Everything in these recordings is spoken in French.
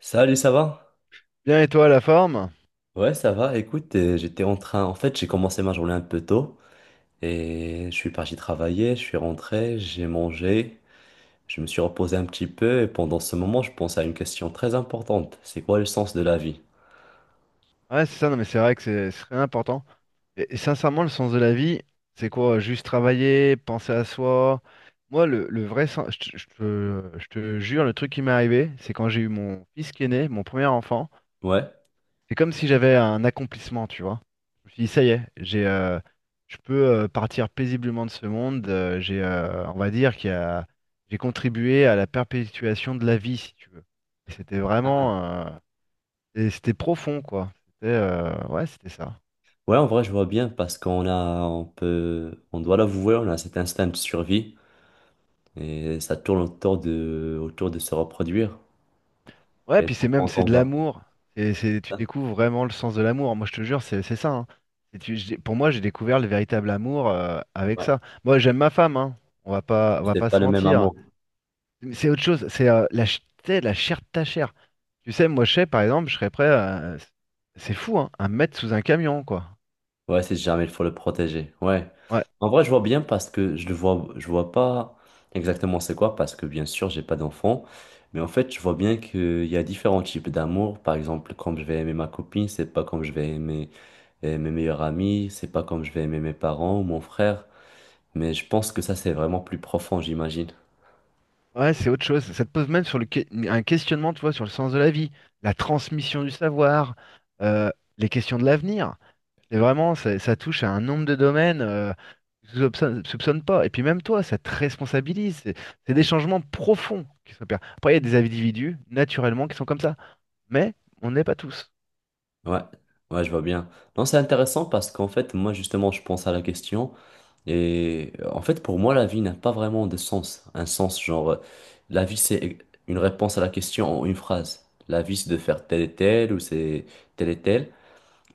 Salut, ça va? Bien et toi, la forme? Ouais, ça va. Écoute, j'étais en train. En fait, j'ai commencé ma journée un peu tôt et je suis parti travailler. Je suis rentré, j'ai mangé, je me suis reposé un petit peu et pendant ce moment, je pense à une question très importante. C'est quoi le sens de la vie? Ouais, c'est ça, non mais c'est vrai que c'est très important. Et sincèrement, le sens de la vie, c'est quoi? Juste travailler, penser à soi. Moi, le vrai sens, je te jure, le truc qui m'est arrivé, c'est quand j'ai eu mon fils qui est né, mon premier enfant, Ouais. c'est comme si j'avais un accomplissement, tu vois. Je me suis dit, ça y est, j'ai, je peux partir paisiblement de ce monde. J'ai, on va dire qu'il y a, j'ai contribué à la perpétuation de la vie, si tu veux. Et c'était Ah. vraiment, et c'était profond, quoi. C'était ouais, c'était ça. Ouais, en vrai, je vois bien parce qu'on a, on peut, on doit l'avouer, on a cet instinct de survie et ça tourne autour de se reproduire. Ouais, Et puis c'est donc, même, quand c'est on de va, l'amour. Et c'est tu hein, découvres vraiment le sens de l'amour. Moi, je te jure, c'est ça, hein. Et pour moi, j'ai découvert le véritable amour avec ouais, ça. Moi, j'aime ma femme, hein. On va pas, on va c'est pas pas se le même mentir. amour. Mais c'est autre chose. C'est tu sais, la chair de ta chair. Tu sais, moi, je sais, par exemple, je serais prêt. C'est fou, hein, à me mettre sous un camion, quoi. Ouais, si jamais il faut le protéger. Ouais. Ouais. En vrai, je vois bien parce que je le vois, je vois pas exactement c'est quoi parce que bien sûr, j'ai pas d'enfant. Mais en fait, je vois bien qu'il y a différents types d'amour. Par exemple, comme je vais aimer ma copine, c'est pas comme je vais aimer mes meilleurs amis, c'est pas comme je vais aimer mes parents ou mon frère. Mais je pense que ça, c'est vraiment plus profond, j'imagine. Ouais, c'est autre chose. Ça te pose même sur le un questionnement, tu vois, sur le sens de la vie, la transmission du savoir, euh, les questions de l'avenir. C'est vraiment, ça touche à un nombre de domaines que tu soupçonnes pas. Et puis même toi, ça te responsabilise. C'est des Mm. changements profonds qui s'opèrent. Après, il y a des individus, naturellement, qui sont comme ça. Mais on n'est pas tous. Ouais, ouais, je vois bien. Non, c'est intéressant parce qu'en fait, moi, justement, je pense à la question. Et en fait, pour moi, la vie n'a pas vraiment de sens. Un sens, genre, la vie, c'est une réponse à la question en une phrase. La vie, c'est de faire tel et tel, ou c'est tel et tel.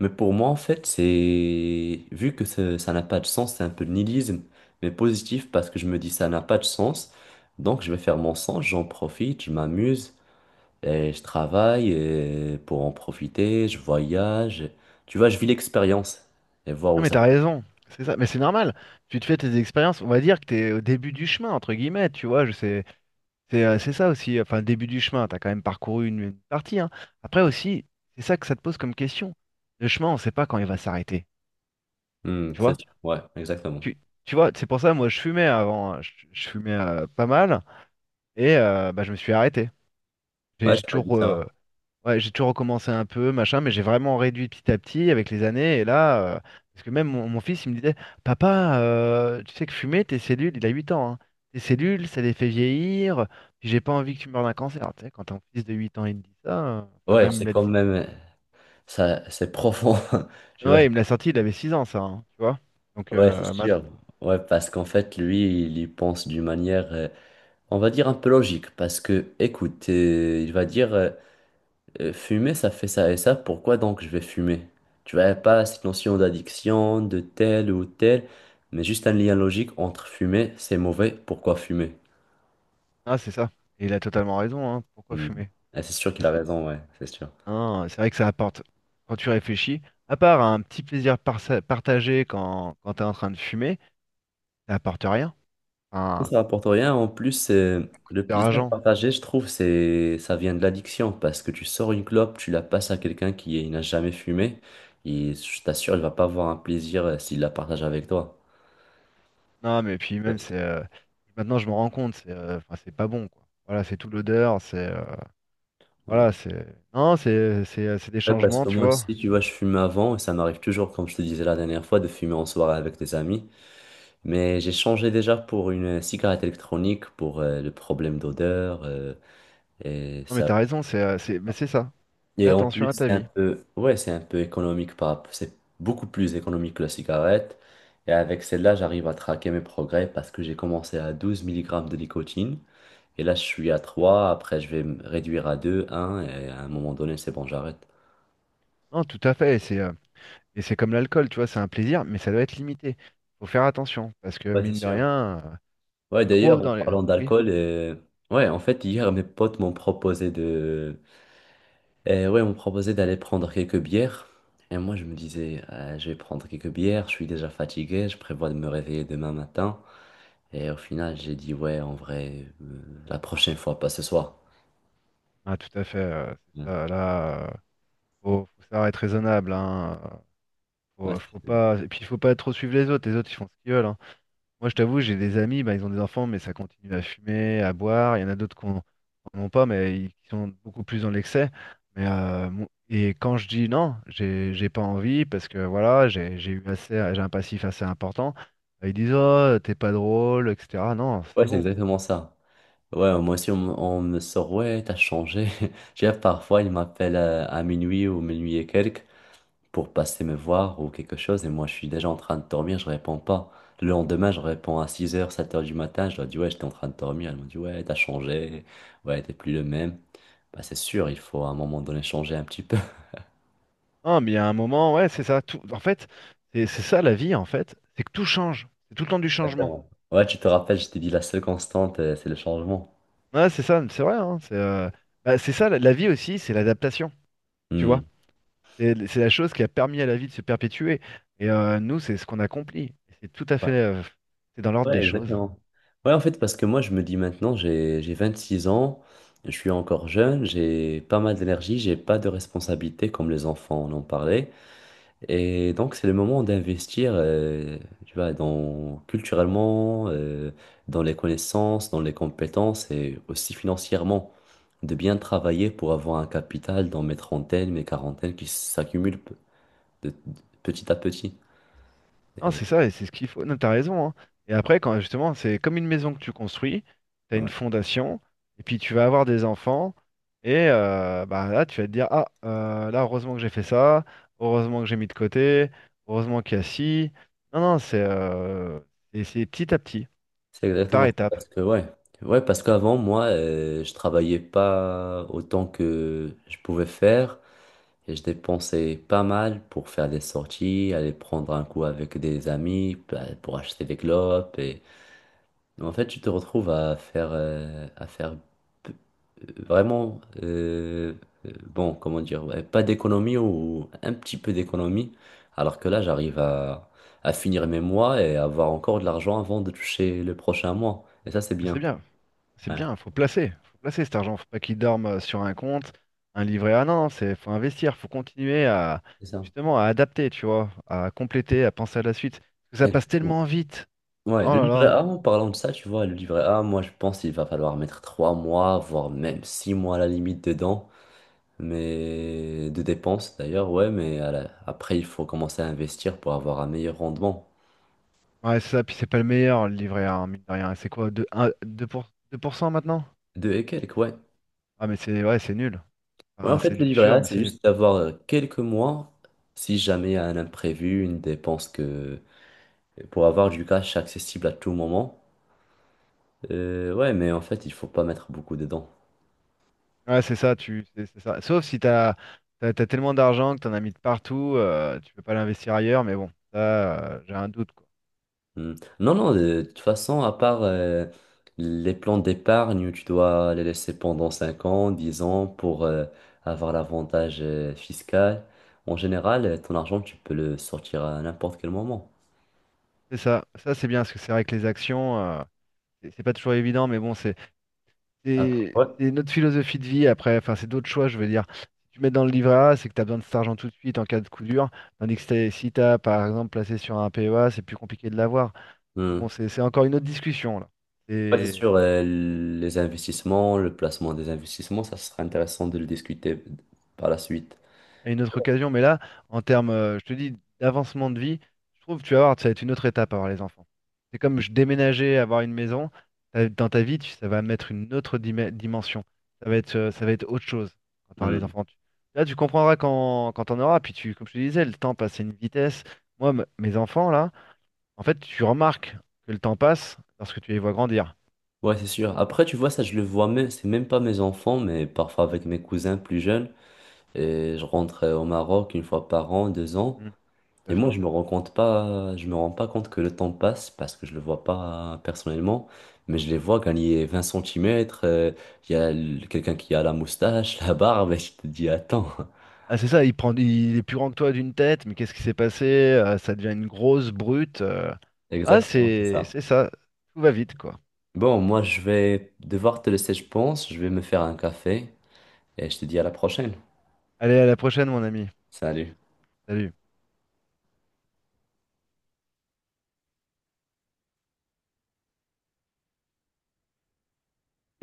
Mais pour moi, en fait, c'est, vu que ça n'a pas de sens, c'est un peu de nihilisme, mais positif parce que je me dis ça n'a pas de sens. Donc, je vais faire mon sens, j'en profite, je m'amuse, et je travaille et pour en profiter, je voyage. Tu vois, je vis l'expérience et voir Non, où mais ça t'as va. raison. C'est ça. Mais c'est normal. Tu te fais tes expériences. On va dire que t'es au début du chemin, entre guillemets. Tu vois, je sais. C'est ça aussi, enfin, le début du chemin, t'as quand même parcouru une partie, hein. Après aussi, c'est ça que ça te pose comme question. Le chemin, on sait pas quand il va s'arrêter, Hmm, tu c'est vois? sûr. Ouais, exactement. Tu, tu vois, c'est pour ça, moi, je fumais avant, hein. Je fumais pas mal, et bah, je me suis arrêté. J'ai Ouais, j'ai ça m'a dit toujours, euh, ça. Ouais, j'ai toujours recommencé un peu, machin, mais j'ai vraiment réduit petit à petit avec les années. Et là, parce que même mon fils, il me disait, Papa, tu sais que fumer, tes cellules, il a 8 ans, hein, tes cellules, ça les fait vieillir, puis j'ai pas envie que tu meurs d'un cancer. Tu sais, quand ton fils de 8 ans, il te dit ça, enfin, Ouais, ouais, même, il c'est me l'a quand dit. même, ça, c'est profond. Tu vois, Ouais, il me l'a sorti, il avait 6 ans, ça, hein, tu vois. Donc, ouais, c'est maintenant, sûr. Ouais, parce qu'en fait, lui, il y pense d'une manière, on va dire un peu logique. Parce que, écoute, il va dire, fumer, ça fait ça et ça. Pourquoi donc je vais fumer? Tu vois, pas cette notion d'addiction, de tel ou tel, mais juste un lien logique entre fumer, c'est mauvais, pourquoi fumer? ah, c'est ça. Et il a totalement raison, hein, pourquoi Hmm. fumer? Et c'est sûr Et qu'il a c'est raison, ouais, c'est sûr. hein, c'est vrai que ça apporte, quand tu réfléchis, à part un petit plaisir partagé quand tu es en train de fumer, ça apporte rien. Enfin, Ça rapporte rien. En plus, le c'est plaisir rageant. partagé, je trouve, c'est, ça vient de l'addiction parce que tu sors une clope, tu la passes à quelqu'un qui n'a jamais fumé et je t'assure, il va pas avoir un plaisir s'il la partage avec toi. Non, mais puis même, Yes. c'est. Maintenant, je me rends compte, c'est enfin, c'est pas bon, quoi. Voilà, c'est toute l'odeur, c'est. Ouais. Voilà, c'est. Non, c'est des Ouais, parce changements, que tu moi vois. aussi, tu vois, je fumais avant et ça m'arrive toujours, comme je te disais la dernière fois, de fumer en soirée avec des amis. Mais j'ai changé déjà pour une cigarette électronique pour le problème d'odeur et Non, mais ça. t'as raison, mais c'est ça. Fais Et en attention plus, à ta c'est un vie. peu, ouais, c'est un peu économique c'est beaucoup plus économique que la cigarette. Et avec celle-là, j'arrive à traquer mes progrès parce que j'ai commencé à 12 milligrammes de nicotine. Et là, je suis à trois. Après, je vais me réduire à deux, un. Et à un moment donné, c'est bon, j'arrête. Non, tout à fait. Et c'est comme l'alcool, tu vois, c'est un plaisir, mais ça doit être limité. Faut faire attention, parce que Ouais, c'est mine de sûr. rien, Ouais, trop d'ailleurs, en dans les. parlant Oui, d'alcool, ouais, en fait, hier, mes potes m'ont proposé de, ouais, m'ont proposé d'aller prendre quelques bières. Et moi, je me disais, je vais prendre quelques bières, je suis déjà fatigué, je prévois de me réveiller demain matin. Et au final, j'ai dit, ouais, en vrai, la prochaine fois, pas ce soir. ah, tout à fait. C'est Ouais, ça, là, faut savoir être raisonnable, hein. Ouais, Faut c'est ça. pas. Et puis, il faut pas trop suivre les autres. Les autres, ils font ce qu'ils veulent, hein. Moi, je t'avoue, j'ai des amis, bah, ils ont des enfants, mais ça continue à fumer, à boire. Il y en a d'autres qui n'en ont pas, mais ils qui sont beaucoup plus dans l'excès. Mais et quand je dis non, j'ai pas envie parce que voilà, j'ai eu assez, j'ai un passif assez important. Ils disent oh, t'es pas drôle, etc. Non, Ouais, c'est c'est bon. exactement ça. Ouais, moi aussi, on me sort, ouais, t'as changé. J'ai parfois, il m'appelle à minuit ou minuit et quelques pour passer me voir ou quelque chose. Et moi, je suis déjà en train de dormir, je réponds pas. Le lendemain, je réponds à 6 heures 7 heures du matin. Je leur dis, ouais, j'étais en train de dormir. Elles m'ont dit, ouais, t'as changé. Ouais, t'es plus le même. Bah, c'est sûr, il faut à un moment donné changer un petit peu. Non, mais il y a un moment, ouais, c'est ça. Tout, en fait, c'est ça la vie, en fait, c'est que tout change. C'est tout le temps du changement. Exactement. Ouais, tu te rappelles, je t'ai dit, la seule constante, c'est le changement. Ouais, c'est ça, c'est vrai, hein, c'est bah, c'est ça la vie aussi, c'est l'adaptation. Tu vois. Hmm. C'est la chose qui a permis à la vie de se perpétuer. Et nous, c'est ce qu'on accomplit. C'est tout à fait, Ouais, c'est dans l'ordre des ouais, choses. exactement. Ouais, en fait, parce que moi, je me dis maintenant, j'ai 26 ans, je suis encore jeune, j'ai pas mal d'énergie, j'ai pas de responsabilité comme les enfants on en parlait. Et donc, c'est le moment d'investir, tu vois, dans, culturellement, dans les connaissances, dans les compétences et aussi financièrement, de bien travailler pour avoir un capital dans mes trentaines, mes quarantaines qui s'accumulent petit à petit. Non, Et, c'est ça, et c'est ce qu'il faut. Non, t'as raison, hein. Et après, quand justement, c'est comme une maison que tu construis, t'as une ouais. fondation, et puis tu vas avoir des enfants, et bah là, tu vas te dire, ah, là, heureusement que j'ai fait ça, heureusement que j'ai mis de côté, heureusement qu'il y a ci. Non, non, c'est et c'est petit à petit, C'est c'est par exactement ça. étapes. Parce que, ouais. Ouais, parce qu'avant, moi, je travaillais pas autant que je pouvais faire et je dépensais pas mal pour faire des sorties, aller prendre un coup avec des amis, bah, pour acheter des clopes en fait, tu te retrouves à faire p- vraiment, bon, comment dire, ouais, pas d'économie ou un petit peu d'économie, alors que là, j'arrive à finir mes mois et avoir encore de l'argent avant de toucher le prochain mois. Et ça, c'est C'est bien. bien. C'est Ouais, bien, faut placer cet argent, faut pas qu'il dorme sur un compte, un livret A. Non, non, c'est faut investir, faut continuer à c'est ça. justement à adapter, tu vois, à compléter, à penser à la suite. Parce que ça passe Exactement. tellement vite. Ouais, Oh le là livret là. A, en parlant de ça, tu vois, le livret A, moi, je pense qu'il va falloir mettre 3 mois, voire même 6 mois à la limite dedans. Mais de dépenses d'ailleurs, ouais, mais après, il faut commencer à investir pour avoir un meilleur rendement. Ouais, c'est ça, puis c'est pas le meilleur le livret A, hein, mine de rien. C'est quoi, 2% maintenant? Deux et quelques, ouais. Ah mais c'est ouais, c'est nul. Ouais, Enfin, en c'est fait, le du livret sûr, A, mais c'est c'est nul. juste d'avoir quelques mois, si jamais il y a un imprévu, une dépense que... pour avoir du cash accessible à tout moment. Ouais, mais en fait, il faut pas mettre beaucoup dedans. Ouais, c'est ça, tu c'est ça. Sauf si t'as tellement d'argent que t'en as mis de partout, tu peux pas l'investir ailleurs, mais bon, ça j'ai un doute. Hmm. Non, non, de toute façon, à part les plans d'épargne où tu dois les laisser pendant 5 ans, 10 ans pour avoir l'avantage fiscal, en général, ton argent, tu peux le sortir à n'importe quel moment. C'est ça, ça c'est bien, parce que c'est vrai que les actions, c'est pas toujours évident, mais bon, c'est Après, c'est- ouais. c'est notre philosophie de vie après, enfin c'est d'autres choix, je veux dire. Si tu mets dans le livret A, c'est que tu as besoin de cet argent tout de suite en cas de coup dur, tandis que si t'as par exemple placé sur un PEA, c'est plus compliqué de l'avoir. Donc bon, Hmm. c'est encore une autre discussion là. Ouais, c'est sûr, les investissements, le placement des investissements, ça sera intéressant de le discuter par la suite. À une autre occasion, mais là, en termes, je te dis, d'avancement de vie, je trouve que tu vas voir, ça va être une autre étape avoir les enfants. C'est comme je déménageais, avoir une maison, dans ta vie, ça va mettre une autre dimension. Ça va être autre chose quand t'auras les Hmm. enfants. Là, tu comprendras quand t'en auras, puis comme je te disais, le temps passe à une vitesse. Moi, mes enfants, là, en fait, tu remarques que le temps passe lorsque tu les vois grandir. Ouais, c'est sûr. Après, tu vois, ça, je le vois même, c'est même pas mes enfants, mais parfois avec mes cousins plus jeunes. Et je rentre au Maroc une fois par an, 2 ans. Mm, tout Et à moi, fait. je me rends compte pas, je me rends pas compte que le temps passe parce que je le vois pas personnellement, mais je les vois gagner 20 centimètres. Il y a quelqu'un qui a la moustache, la barbe, et je te dis, attends. Ah, c'est ça, il prend, il est plus grand que toi d'une tête, mais qu'est-ce qui s'est passé? Ça devient une grosse brute. Ah, Exactement, c'est c'est, ça. c'est ça. Tout va vite, quoi. Bon, moi, je vais devoir te laisser, je pense. Je vais me faire un café et je te dis à la prochaine. Allez, à la prochaine, mon ami. Salut. Salut.